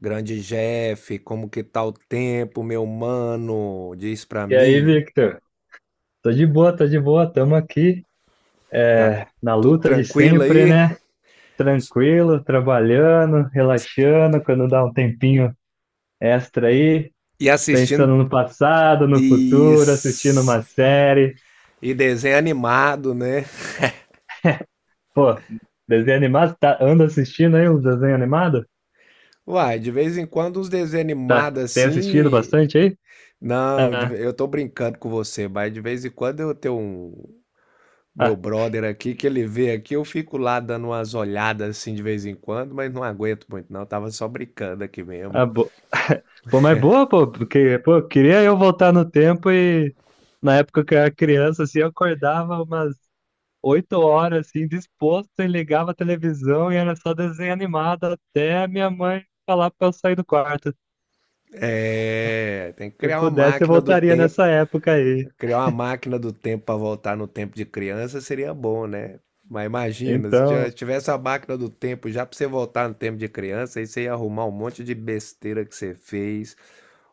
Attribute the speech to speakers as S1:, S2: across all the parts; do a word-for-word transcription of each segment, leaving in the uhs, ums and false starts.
S1: Grande Jeff, como que tá o tempo, meu mano? Diz pra
S2: E aí,
S1: mim.
S2: Victor? Tô de boa, tô de boa, tamo aqui
S1: Tá
S2: é, na
S1: tudo
S2: luta de
S1: tranquilo
S2: sempre,
S1: aí?
S2: né? Tranquilo, trabalhando, relaxando, quando dá um tempinho extra aí,
S1: E
S2: pensando
S1: assistindo
S2: no passado, no
S1: e,
S2: futuro, assistindo uma série.
S1: e desenho animado, né?
S2: Pô, desenho animado, tá, anda assistindo aí os desenhos animados?
S1: Uai, de vez em quando os desenhos
S2: Tá,
S1: animados
S2: tem assistido
S1: assim.
S2: bastante aí?
S1: Não, de
S2: Ah,
S1: ve- eu tô brincando com você, mas de vez em quando eu tenho um. Meu
S2: ah,
S1: brother aqui, que ele vê aqui, eu fico lá dando umas olhadas assim de vez em quando, mas não aguento muito, não. Tava só brincando aqui mesmo.
S2: ah, bo... Pô, mas boa, pô, porque, pô, queria eu voltar no tempo e na época que eu era criança, assim, eu acordava umas oito horas, assim, disposto, e ligava a televisão e era só desenho animado até minha mãe falar pra eu sair do quarto. Se
S1: É, tem que
S2: eu
S1: criar uma
S2: pudesse, eu
S1: máquina do
S2: voltaria nessa
S1: tempo.
S2: época aí.
S1: Criar uma máquina do tempo para voltar no tempo de criança seria bom, né? Mas imagina, se já
S2: Então,
S1: tivesse a máquina do tempo já para você voltar no tempo de criança, aí você ia arrumar um monte de besteira que você fez,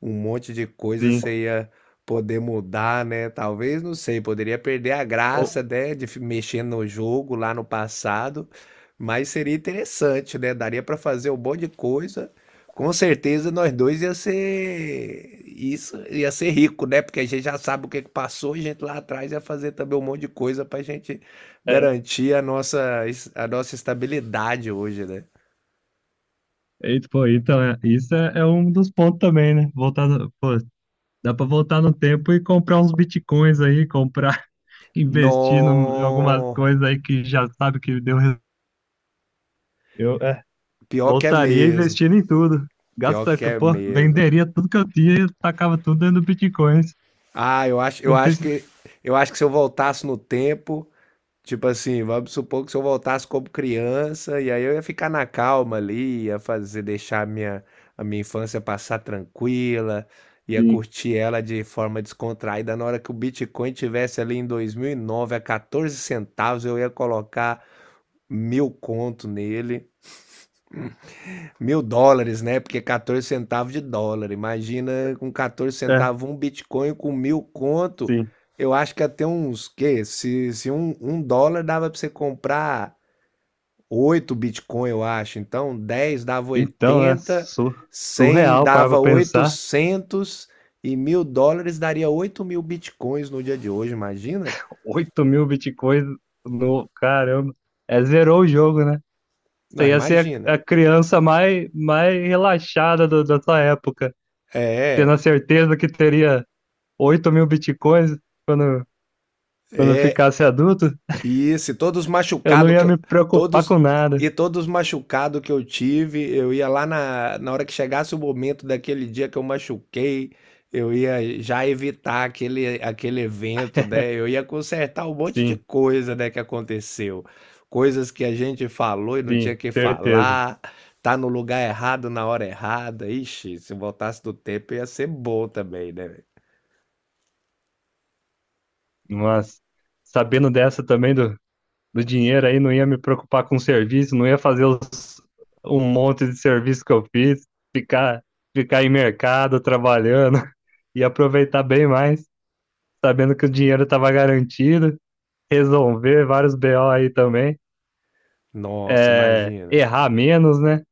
S1: um monte de coisa
S2: sim.
S1: você ia poder mudar, né? Talvez, não sei, poderia perder a
S2: O-
S1: graça, né, de fi- mexer no jogo lá no passado, mas seria interessante, né? Daria para fazer um monte de coisa. Com certeza nós dois ia ser isso, ia ser rico, né? Porque a gente já sabe o que que passou, e a gente lá atrás ia fazer também um monte de coisa para a gente
S2: é,
S1: garantir a nossa es- a nossa estabilidade hoje, né?
S2: e, pô, então, é, isso é, é um dos pontos também, né? Voltar, no- pô, dá pra voltar no tempo e comprar uns bitcoins aí, comprar, investir num- em algumas
S1: No,
S2: coisas aí que já sabe que deu. res- Eu, é,
S1: pior que é
S2: voltaria
S1: mesmo,
S2: investindo em tudo.
S1: pior
S2: Gasta,
S1: que é
S2: pô,
S1: mesmo.
S2: venderia tudo que eu tinha e tacava tudo dentro do Bitcoin.
S1: Ah, eu acho, eu
S2: Não
S1: acho
S2: precisa.
S1: que eu acho que se eu voltasse no tempo, tipo assim, vamos supor que se eu voltasse como criança, e aí eu ia ficar na calma ali, ia fazer, deixar a minha, a minha infância passar tranquila, ia
S2: Sim,
S1: curtir ela de forma descontraída. Na hora que o Bitcoin tivesse ali em dois mil e nove a quatorze centavos, eu ia colocar mil conto nele, mil dólares, né? Porque quatorze centavos de dólar. Imagina com quatorze
S2: é,
S1: centavos um Bitcoin com mil conto.
S2: sim.
S1: Eu acho que até uns, que se, se um, um dólar dava para você comprar oito Bitcoin, eu acho. Então, dez dava
S2: Então, né?
S1: oitenta,
S2: su-
S1: cem
S2: surreal parar
S1: dava
S2: pra pensar.
S1: oitocentos e mil dólares daria oito mil Bitcoins no dia de hoje, imagina?
S2: Oito mil bitcoins no. Caramba. É, zerou o jogo, né?
S1: Não,
S2: Você ia ser a, a
S1: imagina.
S2: criança mais, mais relaxada do- da sua época, tendo
S1: É,
S2: a certeza que teria oito mil bitcoins quando, quando
S1: é,
S2: ficasse adulto.
S1: isso, e todos
S2: Eu não
S1: machucados que
S2: ia
S1: eu
S2: me preocupar
S1: todos
S2: com nada.
S1: e todos machucados que eu tive, eu ia lá na na hora que chegasse o momento daquele dia que eu machuquei, eu ia já evitar aquele aquele evento, né, eu ia consertar um monte de
S2: Sim,
S1: coisa, né, que aconteceu. Coisas que a gente falou e não tinha
S2: sim,
S1: que
S2: certeza.
S1: falar, tá no lugar errado na hora errada. Ixi, se voltasse do tempo ia ser bom também, né.
S2: Mas sabendo dessa também do, do dinheiro aí, não ia me preocupar com serviço, não ia fazer os- um monte de serviço que eu fiz, ficar, ficar em mercado trabalhando, e aproveitar bem mais, sabendo que o dinheiro estava garantido, resolver vários B O aí também,
S1: Nossa,
S2: é,
S1: imagina.
S2: errar menos, né?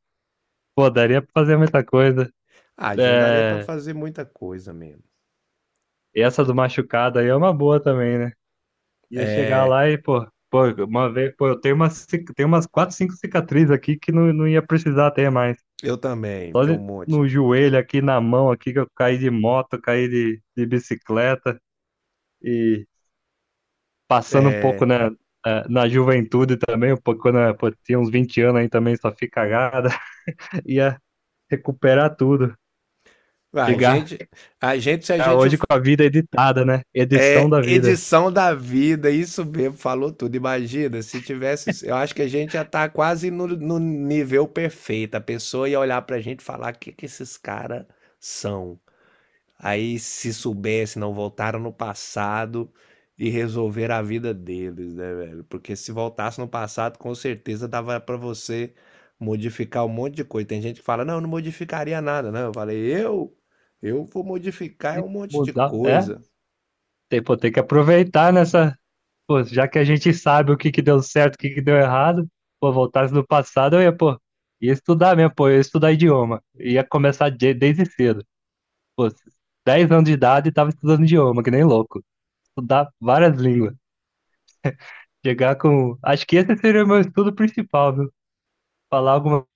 S2: Pô, daria pra fazer muita coisa.
S1: Ah, agendaria pra
S2: É,
S1: fazer muita coisa mesmo.
S2: e essa do machucado aí é uma boa também, né? Ia chegar
S1: É.
S2: lá e, pô, pô, uma vez, pô, eu tenho umas, cic- tenho umas quatro, cinco cicatrizes aqui que não, não ia precisar ter mais.
S1: Eu também,
S2: Só
S1: tem um
S2: de-
S1: monte.
S2: no joelho aqui, na mão aqui, que eu caí de moto, caí de, de bicicleta e passando um pouco
S1: É,
S2: na, eh, na juventude também, um pouco quando eu pô, tinha uns vinte anos aí também, só fiz cagada, ia recuperar tudo,
S1: a
S2: chegar
S1: gente, a gente, a
S2: chegar
S1: gente
S2: hoje com a vida editada, né? Edição
S1: é
S2: da vida.
S1: edição da vida, isso mesmo, falou tudo. Imagina, se tivesse, eu acho que a gente já tá quase no, no nível perfeito. A pessoa ia olhar pra gente e falar: o que que esses caras são? Aí, se soubesse, não voltaram no passado e resolveram a vida deles, né, velho? Porque se voltasse no passado, com certeza dava pra você modificar um monte de coisa. Tem gente que fala, não, eu não modificaria nada, né? Eu falei, eu, eu vou modificar
S2: E
S1: um monte de
S2: mudar, é,
S1: coisa,
S2: tem, pô, tem que aproveitar nessa, pô, já que a gente sabe o que que deu certo, o que que deu errado, pô, voltasse no passado, eu ia, pô, ia estudar mesmo, pô, eu ia estudar idioma, ia começar de- desde cedo. Pô, dez anos de idade e tava estudando idioma, que nem louco. Estudar várias línguas. Chegar com. Acho que esse seria o meu estudo principal, viu? Falar alguma.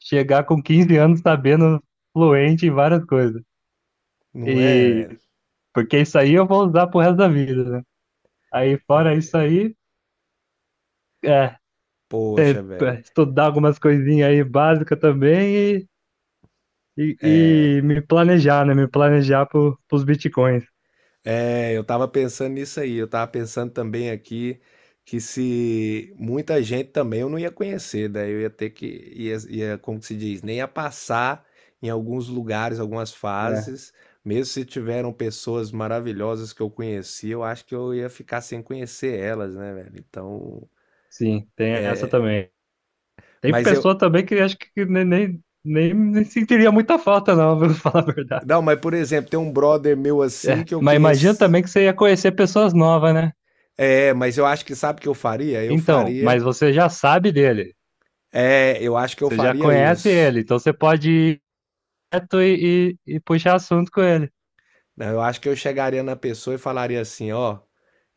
S2: Chegar com quinze anos sabendo fluente em várias coisas.
S1: não é,
S2: E.
S1: velho?
S2: Porque isso aí eu vou usar pro resto da vida, né? Aí, fora isso aí, é. é,
S1: Poxa, velho.
S2: é, Estudar algumas coisinhas aí básicas também e, e, e me planejar, né? Me planejar pro, pros bitcoins.
S1: É, eu tava pensando nisso aí. Eu tava pensando também aqui que se muita gente também eu não ia conhecer, daí eu ia ter que, ia, ia, como que se diz, nem ia passar em alguns lugares, algumas
S2: É,
S1: fases. Mesmo se tiveram pessoas maravilhosas que eu conheci, eu acho que eu ia ficar sem conhecer elas, né, velho? Então,
S2: sim, tem essa também. Tem
S1: mas eu,
S2: pessoa também que acho que nem, nem, nem, nem sentiria muita falta, não, vou falar a verdade.
S1: não, mas por exemplo, tem um brother meu assim que eu
S2: Mas imagina
S1: conheci.
S2: também que você ia conhecer pessoas novas, né?
S1: É, mas eu acho que sabe o que eu faria? Eu
S2: Então, mas
S1: faria,
S2: você já sabe dele,
S1: é, eu acho que eu
S2: você já
S1: faria
S2: conhece
S1: isso.
S2: ele, então você pode ir direto e, e, e puxar assunto com ele.
S1: Não, eu acho que eu chegaria na pessoa e falaria assim: ó,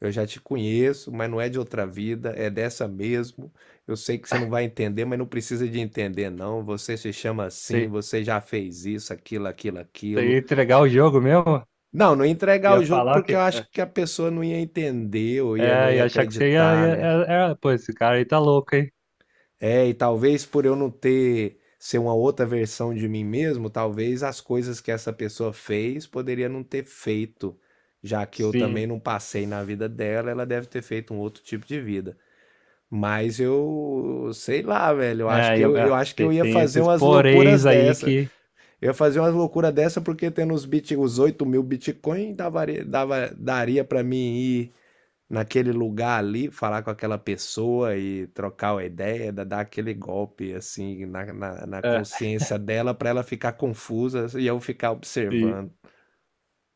S1: eu já te conheço, mas não é de outra vida, é dessa mesmo. Eu sei que você não vai entender, mas não precisa de entender, não. Você se chama assim,
S2: Você,
S1: você já fez isso, aquilo, aquilo,
S2: você ia
S1: aquilo.
S2: entregar o jogo mesmo,
S1: Não, não ia entregar
S2: ia
S1: o jogo
S2: falar o
S1: porque eu
S2: quê? É,
S1: acho que a pessoa não ia entender ou ia, não
S2: é,
S1: ia
S2: ia achar que você ia,
S1: acreditar,
S2: ia,
S1: né?
S2: é, é, pô, esse cara aí tá louco, hein?
S1: É, e talvez por eu não ter ser uma outra versão de mim mesmo, talvez as coisas que essa pessoa fez poderia não ter feito, já que eu também
S2: Sim,
S1: não passei na vida dela, ela deve ter feito um outro tipo de vida. Mas eu sei lá, velho. Eu acho
S2: é,
S1: que
S2: ia-
S1: eu, eu
S2: é,
S1: acho que eu
S2: tem,
S1: ia
S2: tem
S1: fazer
S2: esses
S1: umas loucuras
S2: poréns aí
S1: dessa.
S2: que.
S1: Eu ia fazer umas loucuras dessa porque tendo os bit, os oito mil Bitcoin dava, dava, daria pra mim ir naquele lugar ali, falar com aquela pessoa e trocar uma ideia, da dar aquele golpe, assim, na na na
S2: É,
S1: consciência dela para ela ficar confusa e eu ficar observando.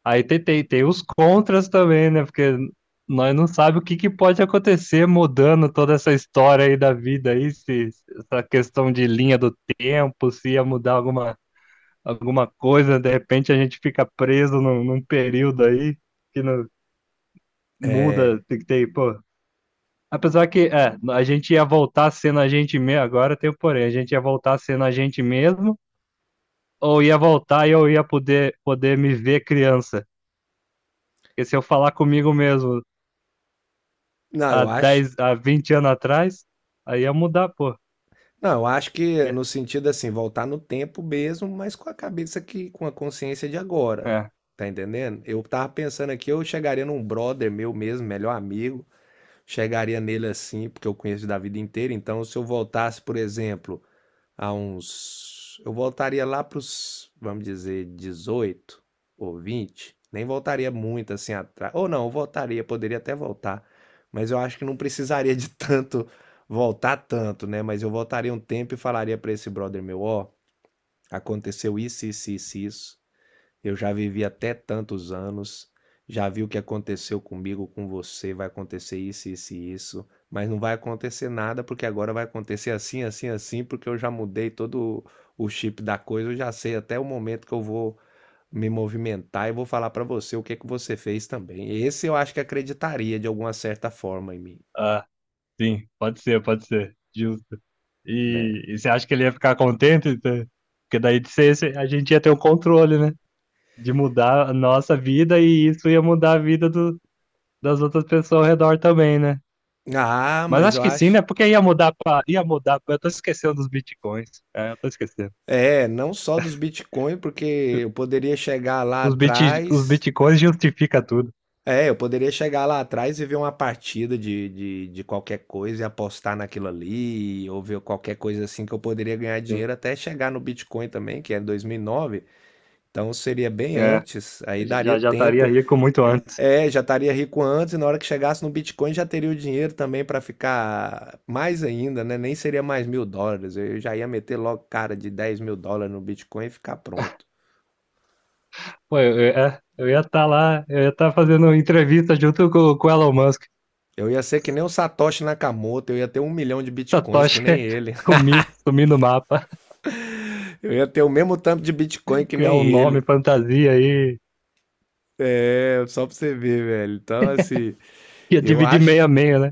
S2: aí tem, tem, tem os contras também, né? Porque nós não sabemos o que, que pode acontecer mudando toda essa história aí da vida aí, se se essa questão de linha do tempo, se ia mudar alguma, alguma coisa, de repente a gente fica preso num, num período aí que não
S1: É.
S2: muda, tem que ter, pô. Apesar que é, a gente ia voltar sendo a gente mesmo, agora tem o porém, a gente ia voltar sendo a gente mesmo, ou ia voltar e eu ia poder, poder me ver criança. Porque se eu falar comigo mesmo,
S1: Não,
S2: há
S1: eu acho
S2: dez há vinte anos atrás, aí ia mudar, pô.
S1: não, eu acho que
S2: Ia-
S1: no sentido, assim, voltar no tempo mesmo, mas com a cabeça que com a consciência de agora,
S2: É,
S1: tá entendendo? Eu tava pensando aqui, eu chegaria num brother meu mesmo, melhor amigo, chegaria nele assim, porque eu conheço da vida inteira, então se eu voltasse, por exemplo, há uns. Eu voltaria lá pros, vamos dizer, dezoito ou vinte. Nem voltaria muito assim atrás. Ou não, eu voltaria, poderia até voltar. Mas eu acho que não precisaria de tanto voltar tanto, né? Mas eu voltaria um tempo e falaria para esse brother meu, ó, aconteceu isso, isso, isso, isso. Eu já vivi até tantos anos, já vi o que aconteceu comigo, com você, vai acontecer isso, isso e isso, mas não vai acontecer nada, porque agora vai acontecer assim, assim, assim, porque eu já mudei todo o chip da coisa, eu já sei até o momento que eu vou me movimentar e vou falar pra você o que que você fez também. Esse eu acho que acreditaria de alguma certa forma em mim,
S2: Ah, sim, pode ser, pode ser, justo.
S1: né?
S2: E, e você acha que ele ia ficar contente? Tá? Porque daí de ser, esse- a gente ia ter o controle, né? De mudar a nossa vida e isso ia mudar a vida do, das outras pessoas ao redor também, né?
S1: Ah,
S2: Mas
S1: mas
S2: acho
S1: eu
S2: que sim,
S1: acho.
S2: né? Porque ia mudar pra, ia mudar pra, eu tô esquecendo dos bitcoins. É, eu tô esquecendo.
S1: É, não só dos Bitcoin, porque eu poderia chegar lá
S2: Os bit, os
S1: atrás.
S2: bitcoins justifica tudo.
S1: É, eu poderia chegar lá atrás e ver uma partida de, de, de qualquer coisa e apostar naquilo ali, ou ver qualquer coisa assim que eu poderia ganhar
S2: Sim.
S1: dinheiro até chegar no Bitcoin também, que é em dois mil e nove. Então seria bem
S2: É,
S1: antes, aí daria
S2: já já estaria
S1: tempo.
S2: rico muito antes.
S1: É, já estaria rico antes e na hora que chegasse no Bitcoin já teria o dinheiro também para ficar mais ainda, né? Nem seria mais mil dólares. Eu já ia meter logo cara de dez mil dólares no Bitcoin e ficar pronto.
S2: Pô, eu, eu- é, eu ia estar lá, eu ia estar fazendo entrevista junto com, com o Elon Musk.
S1: Eu ia ser que nem o Satoshi Nakamoto, eu ia ter um milhão de bitcoins que
S2: Satoshi
S1: nem ele.
S2: sumir, sumir no mapa,
S1: Eu ia ter o mesmo tanto de Bitcoin que
S2: criar
S1: nem
S2: um nome
S1: ele.
S2: fantasia aí,
S1: É, só pra você ver, velho. Então, assim,
S2: ia
S1: eu
S2: dividir
S1: acho,
S2: meio a meio, né?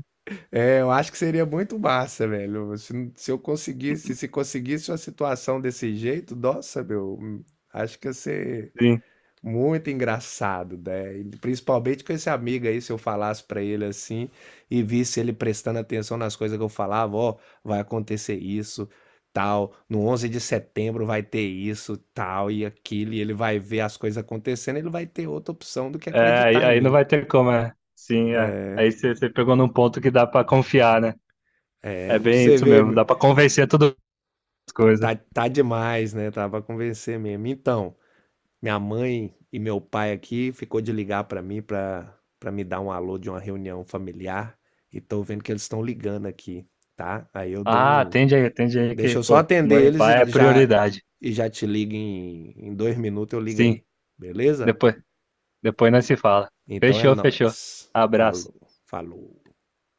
S1: é, eu acho que seria muito massa, velho. Se, se eu conseguisse, se conseguisse uma situação desse jeito, nossa, meu, acho que ia ser
S2: Sim.
S1: muito engraçado, né? E principalmente com esse amigo aí, se eu falasse pra ele assim e visse ele prestando atenção nas coisas que eu falava, ó, vai acontecer isso, tal, no onze de setembro vai ter isso, tal e aquilo, e ele vai ver as coisas acontecendo, ele vai ter outra opção do que
S2: É, aí,
S1: acreditar em
S2: aí não
S1: mim.
S2: vai ter como, é. Sim, é. Aí você você pegou num ponto que dá pra confiar, né? É
S1: Pra
S2: bem
S1: você
S2: isso
S1: ver,
S2: mesmo,
S1: meu,
S2: dá pra convencer todas as coisas.
S1: tá, tá demais, né? Tava a convencer mesmo. Então, minha mãe e meu pai aqui ficou de ligar para mim para para me dar um alô de uma reunião familiar, e tô vendo que eles estão ligando aqui, tá? Aí eu dou
S2: Ah,
S1: um
S2: atende aí, atende aí
S1: deixa
S2: que,
S1: eu só
S2: pô,
S1: atender
S2: mãe e
S1: eles
S2: pai é
S1: e já
S2: prioridade.
S1: e já te ligo em em dois minutos eu ligo
S2: Sim,
S1: aí, beleza?
S2: depois, depois nós se fala.
S1: Então é
S2: Fechou, fechou.
S1: nóis.
S2: Abraço.
S1: Falou, falou.